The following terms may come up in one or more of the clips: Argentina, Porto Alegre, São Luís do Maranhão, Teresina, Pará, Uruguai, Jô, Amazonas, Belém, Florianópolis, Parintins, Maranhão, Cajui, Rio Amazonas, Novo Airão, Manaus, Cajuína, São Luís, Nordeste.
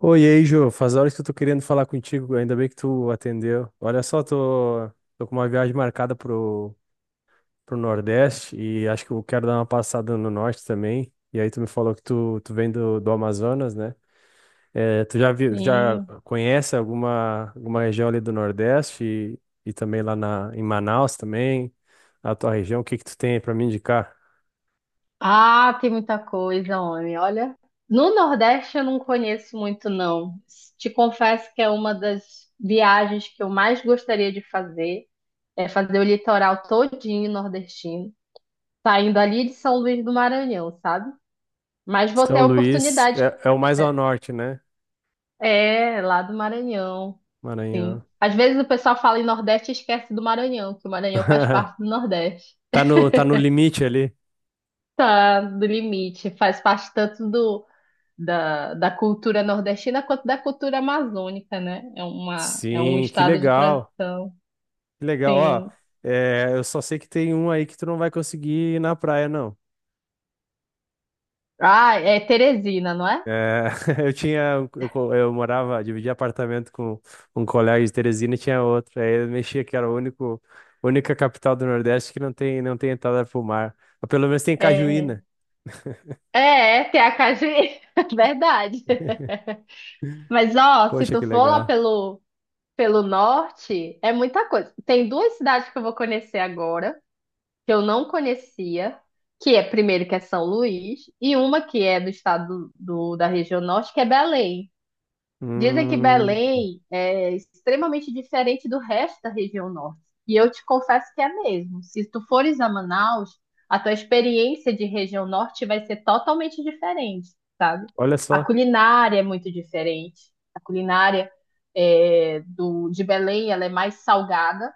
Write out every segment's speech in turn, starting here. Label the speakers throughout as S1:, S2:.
S1: Oi, e aí, Jô. Faz horas que eu tô querendo falar contigo. Ainda bem que tu atendeu. Olha só, tô com uma viagem marcada pro Nordeste e acho que eu quero dar uma passada no Norte também. E aí tu me falou que tu vem do Amazonas, né? Tu já viu, já
S2: Sim.
S1: conhece alguma região ali do Nordeste e também em Manaus também, a tua região. O que que tu tem aí pra me indicar?
S2: Ah, tem muita coisa, homem. Olha, no Nordeste eu não conheço muito, não. Te confesso que é uma das viagens que eu mais gostaria de fazer, é fazer o litoral todinho nordestino, saindo ali de São Luís do Maranhão, sabe? Mas vou ter
S1: São
S2: a
S1: Luís
S2: oportunidade.
S1: é o mais ao norte, né?
S2: É, lá do Maranhão, sim.
S1: Maranhão.
S2: Às vezes o pessoal fala em Nordeste e esquece do Maranhão, que o Maranhão faz parte do Nordeste.
S1: Tá no, tá no limite ali.
S2: Tá do limite, faz parte tanto da cultura nordestina quanto da cultura amazônica, né? É um
S1: Sim, que
S2: estado de
S1: legal.
S2: transição.
S1: Que legal. Ó,
S2: Tem.
S1: eu só sei que tem um aí que tu não vai conseguir ir na praia, não.
S2: Ah, é Teresina, não é?
S1: É. eu tinha, um, eu, co- Eu morava, dividia apartamento com um colega de Teresina e tinha outro. Aí eu mexia que era única capital do Nordeste que não tem entrada pro mar. Mas pelo menos tem
S2: É,
S1: Cajuína.
S2: é, tem a Cajui, verdade. Mas ó, se
S1: Poxa,
S2: tu
S1: que
S2: for lá
S1: legal.
S2: pelo norte, é muita coisa. Tem duas cidades que eu vou conhecer agora, que eu não conhecia, que é primeiro que é São Luís, e uma que é do estado da região norte, que é Belém. Dizem que
S1: Hum,
S2: Belém é extremamente diferente do resto da região norte. E eu te confesso que é mesmo. Se tu fores a Manaus, a tua experiência de região norte vai ser totalmente diferente, sabe?
S1: olha
S2: A
S1: só.
S2: culinária é muito diferente. A culinária de Belém, ela é mais salgada.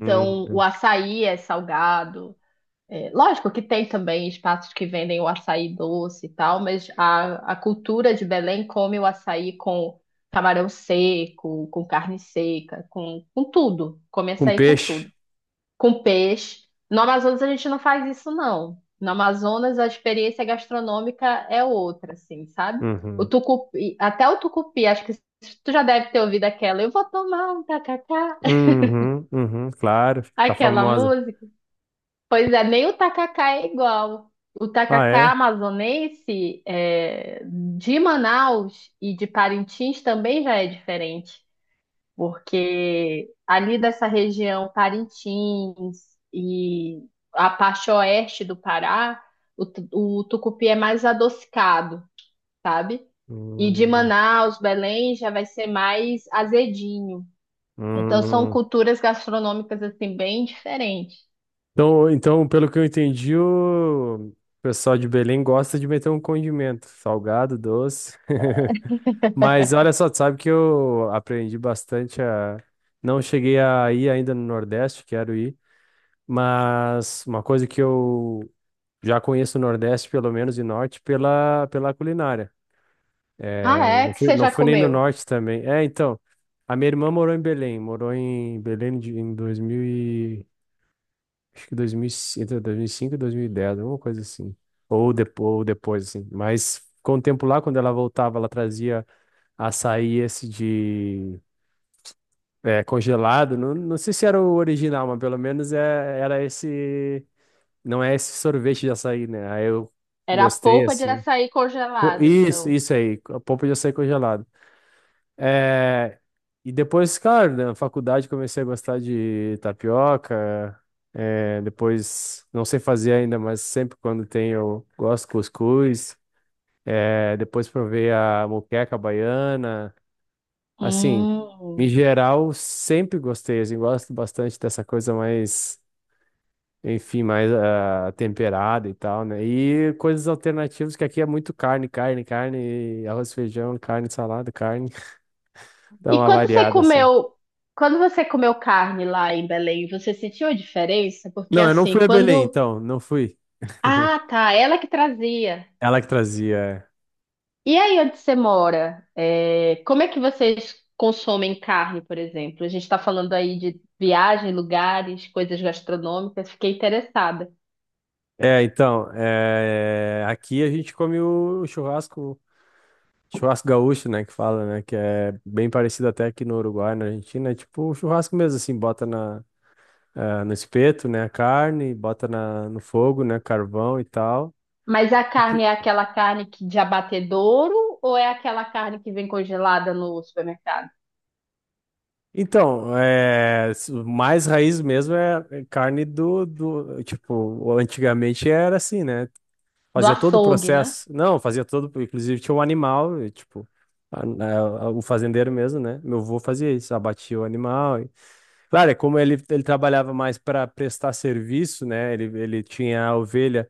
S1: Hum,
S2: o açaí é salgado, é, lógico que tem também espaços que vendem o açaí doce e tal, mas a cultura de Belém come o açaí com camarão seco, com carne seca, com tudo. Come
S1: com
S2: açaí com
S1: peixe.
S2: tudo. Com peixe. No Amazonas a gente não faz isso, não. No Amazonas a experiência gastronômica é outra, assim, sabe? O
S1: Uhum.
S2: tucupi, até o tucupi, acho que tu já deve ter ouvido aquela, eu vou tomar um tacacá,
S1: Uhum, uhum, claro, tá
S2: aquela
S1: famosa.
S2: música. Pois é, nem o tacacá é igual. O
S1: Ah,
S2: tacacá
S1: é?
S2: amazonense é, de Manaus e de Parintins também já é diferente, porque ali dessa região Parintins e a parte oeste do Pará, o tucupi é mais adocicado, sabe? E de
S1: Hum,
S2: Manaus, Belém já vai ser mais azedinho. Então são
S1: hum.
S2: culturas gastronômicas assim bem diferentes.
S1: Então, pelo que eu entendi, o pessoal de Belém gosta de meter um condimento, salgado, doce. Mas olha só, tu sabe que eu aprendi bastante a. Não cheguei a ir ainda no Nordeste, quero ir, mas uma coisa que eu já conheço o Nordeste, pelo menos, e Norte, pela culinária.
S2: Ah,
S1: É,
S2: é
S1: não
S2: que
S1: fui,
S2: você
S1: não
S2: já
S1: fui nem no
S2: comeu?
S1: Norte também. É, então, a minha irmã morou em Belém, em 2000. Acho que 2000, cinco, entre 2005 e 2010, alguma coisa assim. Ou depois, assim. Mas com o tempo lá, quando ela voltava, ela trazia açaí esse de congelado. Não, não sei se era o original, mas pelo menos era esse. Não é esse sorvete de açaí, né? Aí eu
S2: Era a
S1: gostei,
S2: polpa de
S1: assim.
S2: açaí
S1: Pô,
S2: congelada, então.
S1: isso aí. A polpa de açaí congelado. É, e depois, cara, na faculdade comecei a gostar de tapioca. É, depois, não sei fazer ainda, mas sempre quando tem eu gosto de cuscuz. É, depois provei a moqueca baiana. Assim, em
S2: Hum.
S1: geral, sempre gostei. Assim, gosto bastante dessa coisa mais, enfim, mais temperada e tal, né? E coisas alternativas, que aqui é muito carne, carne, carne, arroz, feijão, carne, salada, carne. Dá
S2: E
S1: uma
S2: quando você
S1: variada, assim.
S2: comeu, quando você comeu carne lá em Belém, você sentiu a diferença? Porque
S1: Não, eu não
S2: assim,
S1: fui a Belém,
S2: quando.
S1: então, não fui.
S2: Ah, tá, ela que trazia.
S1: Ela que trazia. É,
S2: E aí onde você mora? É, como é que vocês consomem carne, por exemplo? A gente está falando aí de viagem, lugares, coisas gastronômicas, fiquei interessada.
S1: é, então, aqui a gente come o churrasco, churrasco gaúcho, né, que fala, né, que é bem parecido até aqui no Uruguai, na Argentina, é tipo o churrasco mesmo, assim, bota no espeto, né, a carne, bota no fogo, né, carvão e tal.
S2: Mas a
S1: Ent-
S2: carne é aquela carne que de abatedouro ou é aquela carne que vem congelada no supermercado?
S1: Então, mais raiz mesmo é carne do, tipo, antigamente era assim, né.
S2: Do
S1: Fazia todo o
S2: açougue, né?
S1: processo. Não, fazia todo. Inclusive tinha um animal, e, tipo, o fazendeiro mesmo, né? Meu avô fazia isso, abatia o animal. Claro, é como ele, trabalhava mais para prestar serviço, né? Ele tinha a ovelha,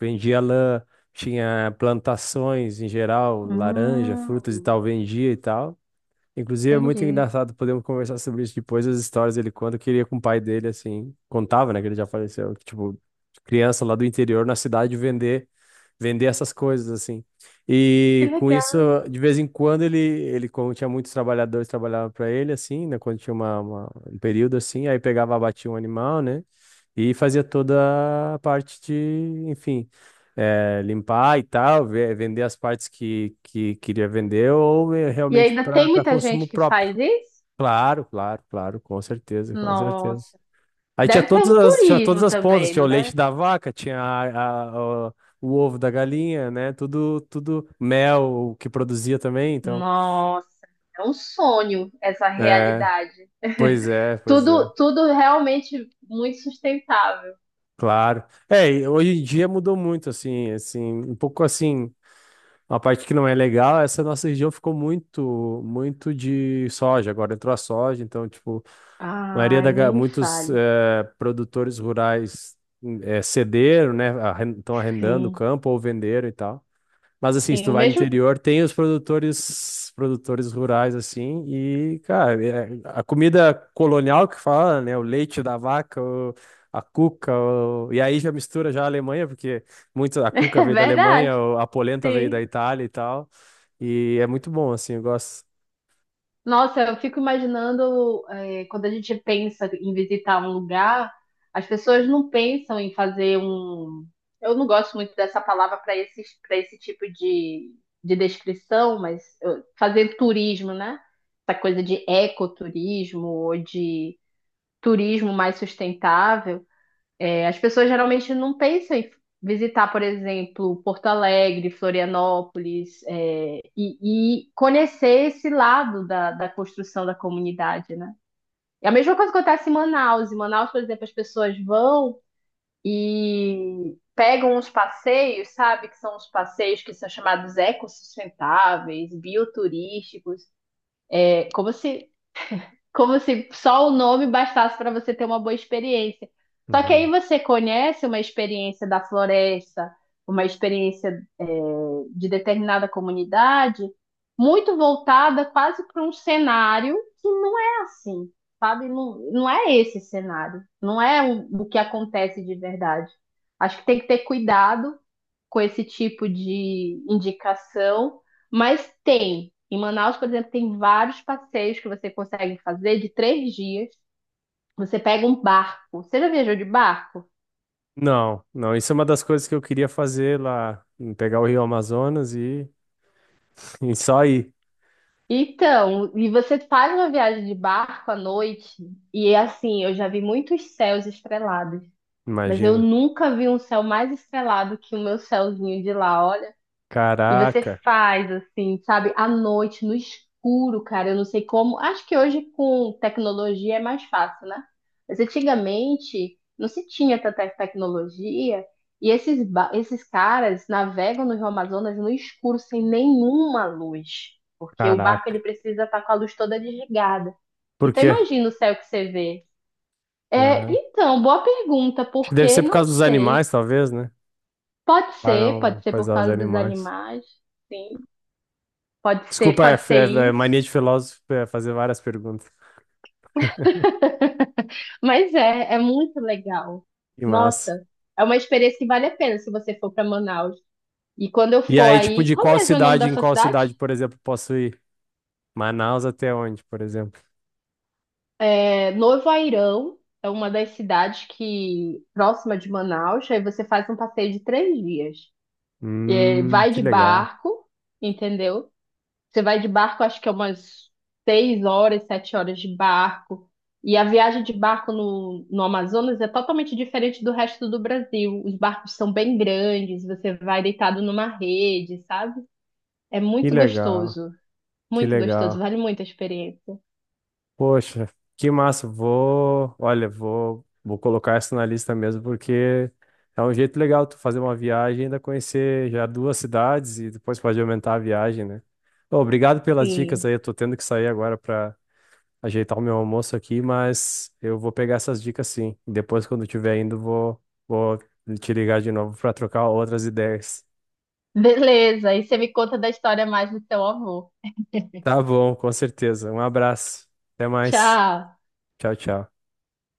S1: vendia lã, tinha plantações em geral, laranja, frutas e
S2: Hum,
S1: tal, vendia e tal. Inclusive, é muito
S2: entendi.
S1: engraçado, podemos conversar sobre isso depois, as histórias dele quando queria com o pai dele, assim, contava, né, que ele já faleceu, que, tipo, criança lá do interior, na cidade, vender, essas coisas, assim.
S2: Que
S1: E com isso,
S2: legal.
S1: de vez em quando, ele como tinha muitos trabalhadores, trabalhava para ele, assim, né, quando tinha um período, assim, aí pegava, abatia um animal, né, e fazia toda a parte de, enfim, limpar e tal, vender as partes que queria vender ou
S2: E
S1: realmente
S2: ainda tem
S1: para
S2: muita
S1: consumo
S2: gente que
S1: próprio.
S2: faz isso?
S1: Claro, claro, claro, com certeza, com certeza.
S2: Nossa.
S1: Aí
S2: Deve ter um
S1: tinha todas
S2: turismo
S1: as pontas,
S2: também,
S1: tinha o
S2: não
S1: leite
S2: deve?
S1: da vaca, tinha o ovo da galinha, né? Tudo, tudo mel o que produzia também, então.
S2: Nossa, é um sonho essa
S1: É,
S2: realidade.
S1: pois é, pois é.
S2: Tudo, tudo realmente muito sustentável.
S1: Claro. É, e hoje em dia mudou muito, assim, assim, um pouco assim. Uma parte que não é legal, essa nossa região ficou muito, muito de soja. Agora entrou a soja, então, tipo, a maioria da,
S2: Ai, nem
S1: ga-
S2: me
S1: muitos
S2: fale.
S1: produtores rurais cederam, né? Estão arrendando o
S2: Sim,
S1: campo ou venderam e tal. Mas assim, se
S2: sim,
S1: tu
S2: o
S1: vai no
S2: mesmo.
S1: interior, tem produtores rurais assim, e cara, a comida colonial que fala, né, o leite da vaca, a cuca, e aí já mistura já a Alemanha, porque muito a cuca
S2: É
S1: veio da Alemanha,
S2: verdade,
S1: a polenta veio da
S2: sim.
S1: Itália e tal. E é muito bom assim, eu gosto.
S2: Nossa, eu fico imaginando, é, quando a gente pensa em visitar um lugar, as pessoas não pensam em fazer um. Eu não gosto muito dessa palavra para esse, tipo de descrição, mas fazer turismo, né? Essa coisa de ecoturismo ou de turismo mais sustentável. É, as pessoas geralmente não pensam em visitar, por exemplo, Porto Alegre, Florianópolis, e conhecer esse lado da construção da comunidade, né? É a mesma coisa que acontece em Manaus. Em Manaus, por exemplo, as pessoas vão e pegam uns passeios, sabe? Que são os passeios que são chamados ecossustentáveis, bioturísticos. É como se só o nome bastasse para você ter uma boa experiência. Só que aí
S1: Uhum.
S2: você conhece uma experiência da floresta, uma experiência, é, de determinada comunidade, muito voltada quase para um cenário que não é assim, sabe? Não, não é esse cenário, não é o que acontece de verdade. Acho que tem que ter cuidado com esse tipo de indicação, mas tem. Em Manaus, por exemplo, tem vários passeios que você consegue fazer de 3 dias. Você pega um barco. Você já viajou de barco?
S1: Não, não, isso é uma das coisas que eu queria fazer lá, em pegar o Rio Amazonas e, e só ir,
S2: Então, e você faz uma viagem de barco à noite, e é assim, eu já vi muitos céus estrelados, mas eu
S1: imagina.
S2: nunca vi um céu mais estrelado que o meu céuzinho de lá. Olha, e você
S1: Caraca,
S2: faz assim, sabe, à noite, no escuro, cara. Eu não sei como. Acho que hoje com tecnologia é mais fácil, né? Mas antigamente não se tinha tanta tecnologia. E esses caras navegam no Rio Amazonas no escuro, sem nenhuma luz. Porque o barco ele
S1: caraca.
S2: precisa estar com a luz toda desligada.
S1: Por
S2: Então
S1: quê?
S2: imagina o céu que você vê. É,
S1: Lá.
S2: então, boa pergunta,
S1: Acho que deve
S2: porque
S1: ser por
S2: não
S1: causa dos
S2: sei.
S1: animais, talvez, né? Para não
S2: Pode ser por
S1: coisar os
S2: causa dos
S1: animais.
S2: animais. Sim.
S1: Desculpa,
S2: Pode ser
S1: é
S2: isso.
S1: mania de filósofo é fazer várias perguntas.
S2: Mas é muito legal.
S1: Que massa.
S2: Nossa, é uma experiência que vale a pena se você for para Manaus. E quando eu
S1: E
S2: for
S1: aí, tipo,
S2: aí,
S1: de
S2: qual
S1: qual
S2: mesmo é o nome
S1: cidade
S2: da
S1: em
S2: sua
S1: qual
S2: cidade?
S1: cidade, por exemplo, posso ir? Manaus até onde, por exemplo?
S2: É Novo Airão, é uma das cidades que próxima de Manaus. Aí você faz um passeio de 3 dias. É, vai
S1: Que
S2: de
S1: legal.
S2: barco, entendeu? Você vai de barco, acho que é umas 6 horas, 7 horas de barco. E a viagem de barco no Amazonas é totalmente diferente do resto do Brasil. Os barcos são bem grandes, você vai deitado numa rede, sabe? É
S1: Que legal. Que
S2: muito gostoso,
S1: legal.
S2: vale muito a experiência.
S1: Poxa, que massa. Vou, olha, vou colocar essa na lista mesmo, porque é um jeito legal tu fazer uma viagem e ainda conhecer já duas cidades e depois pode aumentar a viagem, né? Ô, obrigado pelas dicas
S2: Sim.
S1: aí. Eu tô tendo que sair agora para ajeitar o meu almoço aqui, mas eu vou pegar essas dicas sim. Depois, quando tiver indo, vou te ligar de novo para trocar outras ideias.
S2: Beleza, e você me conta da história mais do seu avô.
S1: Tá bom, com certeza. Um abraço. Até mais.
S2: Tchau.
S1: Tchau, tchau.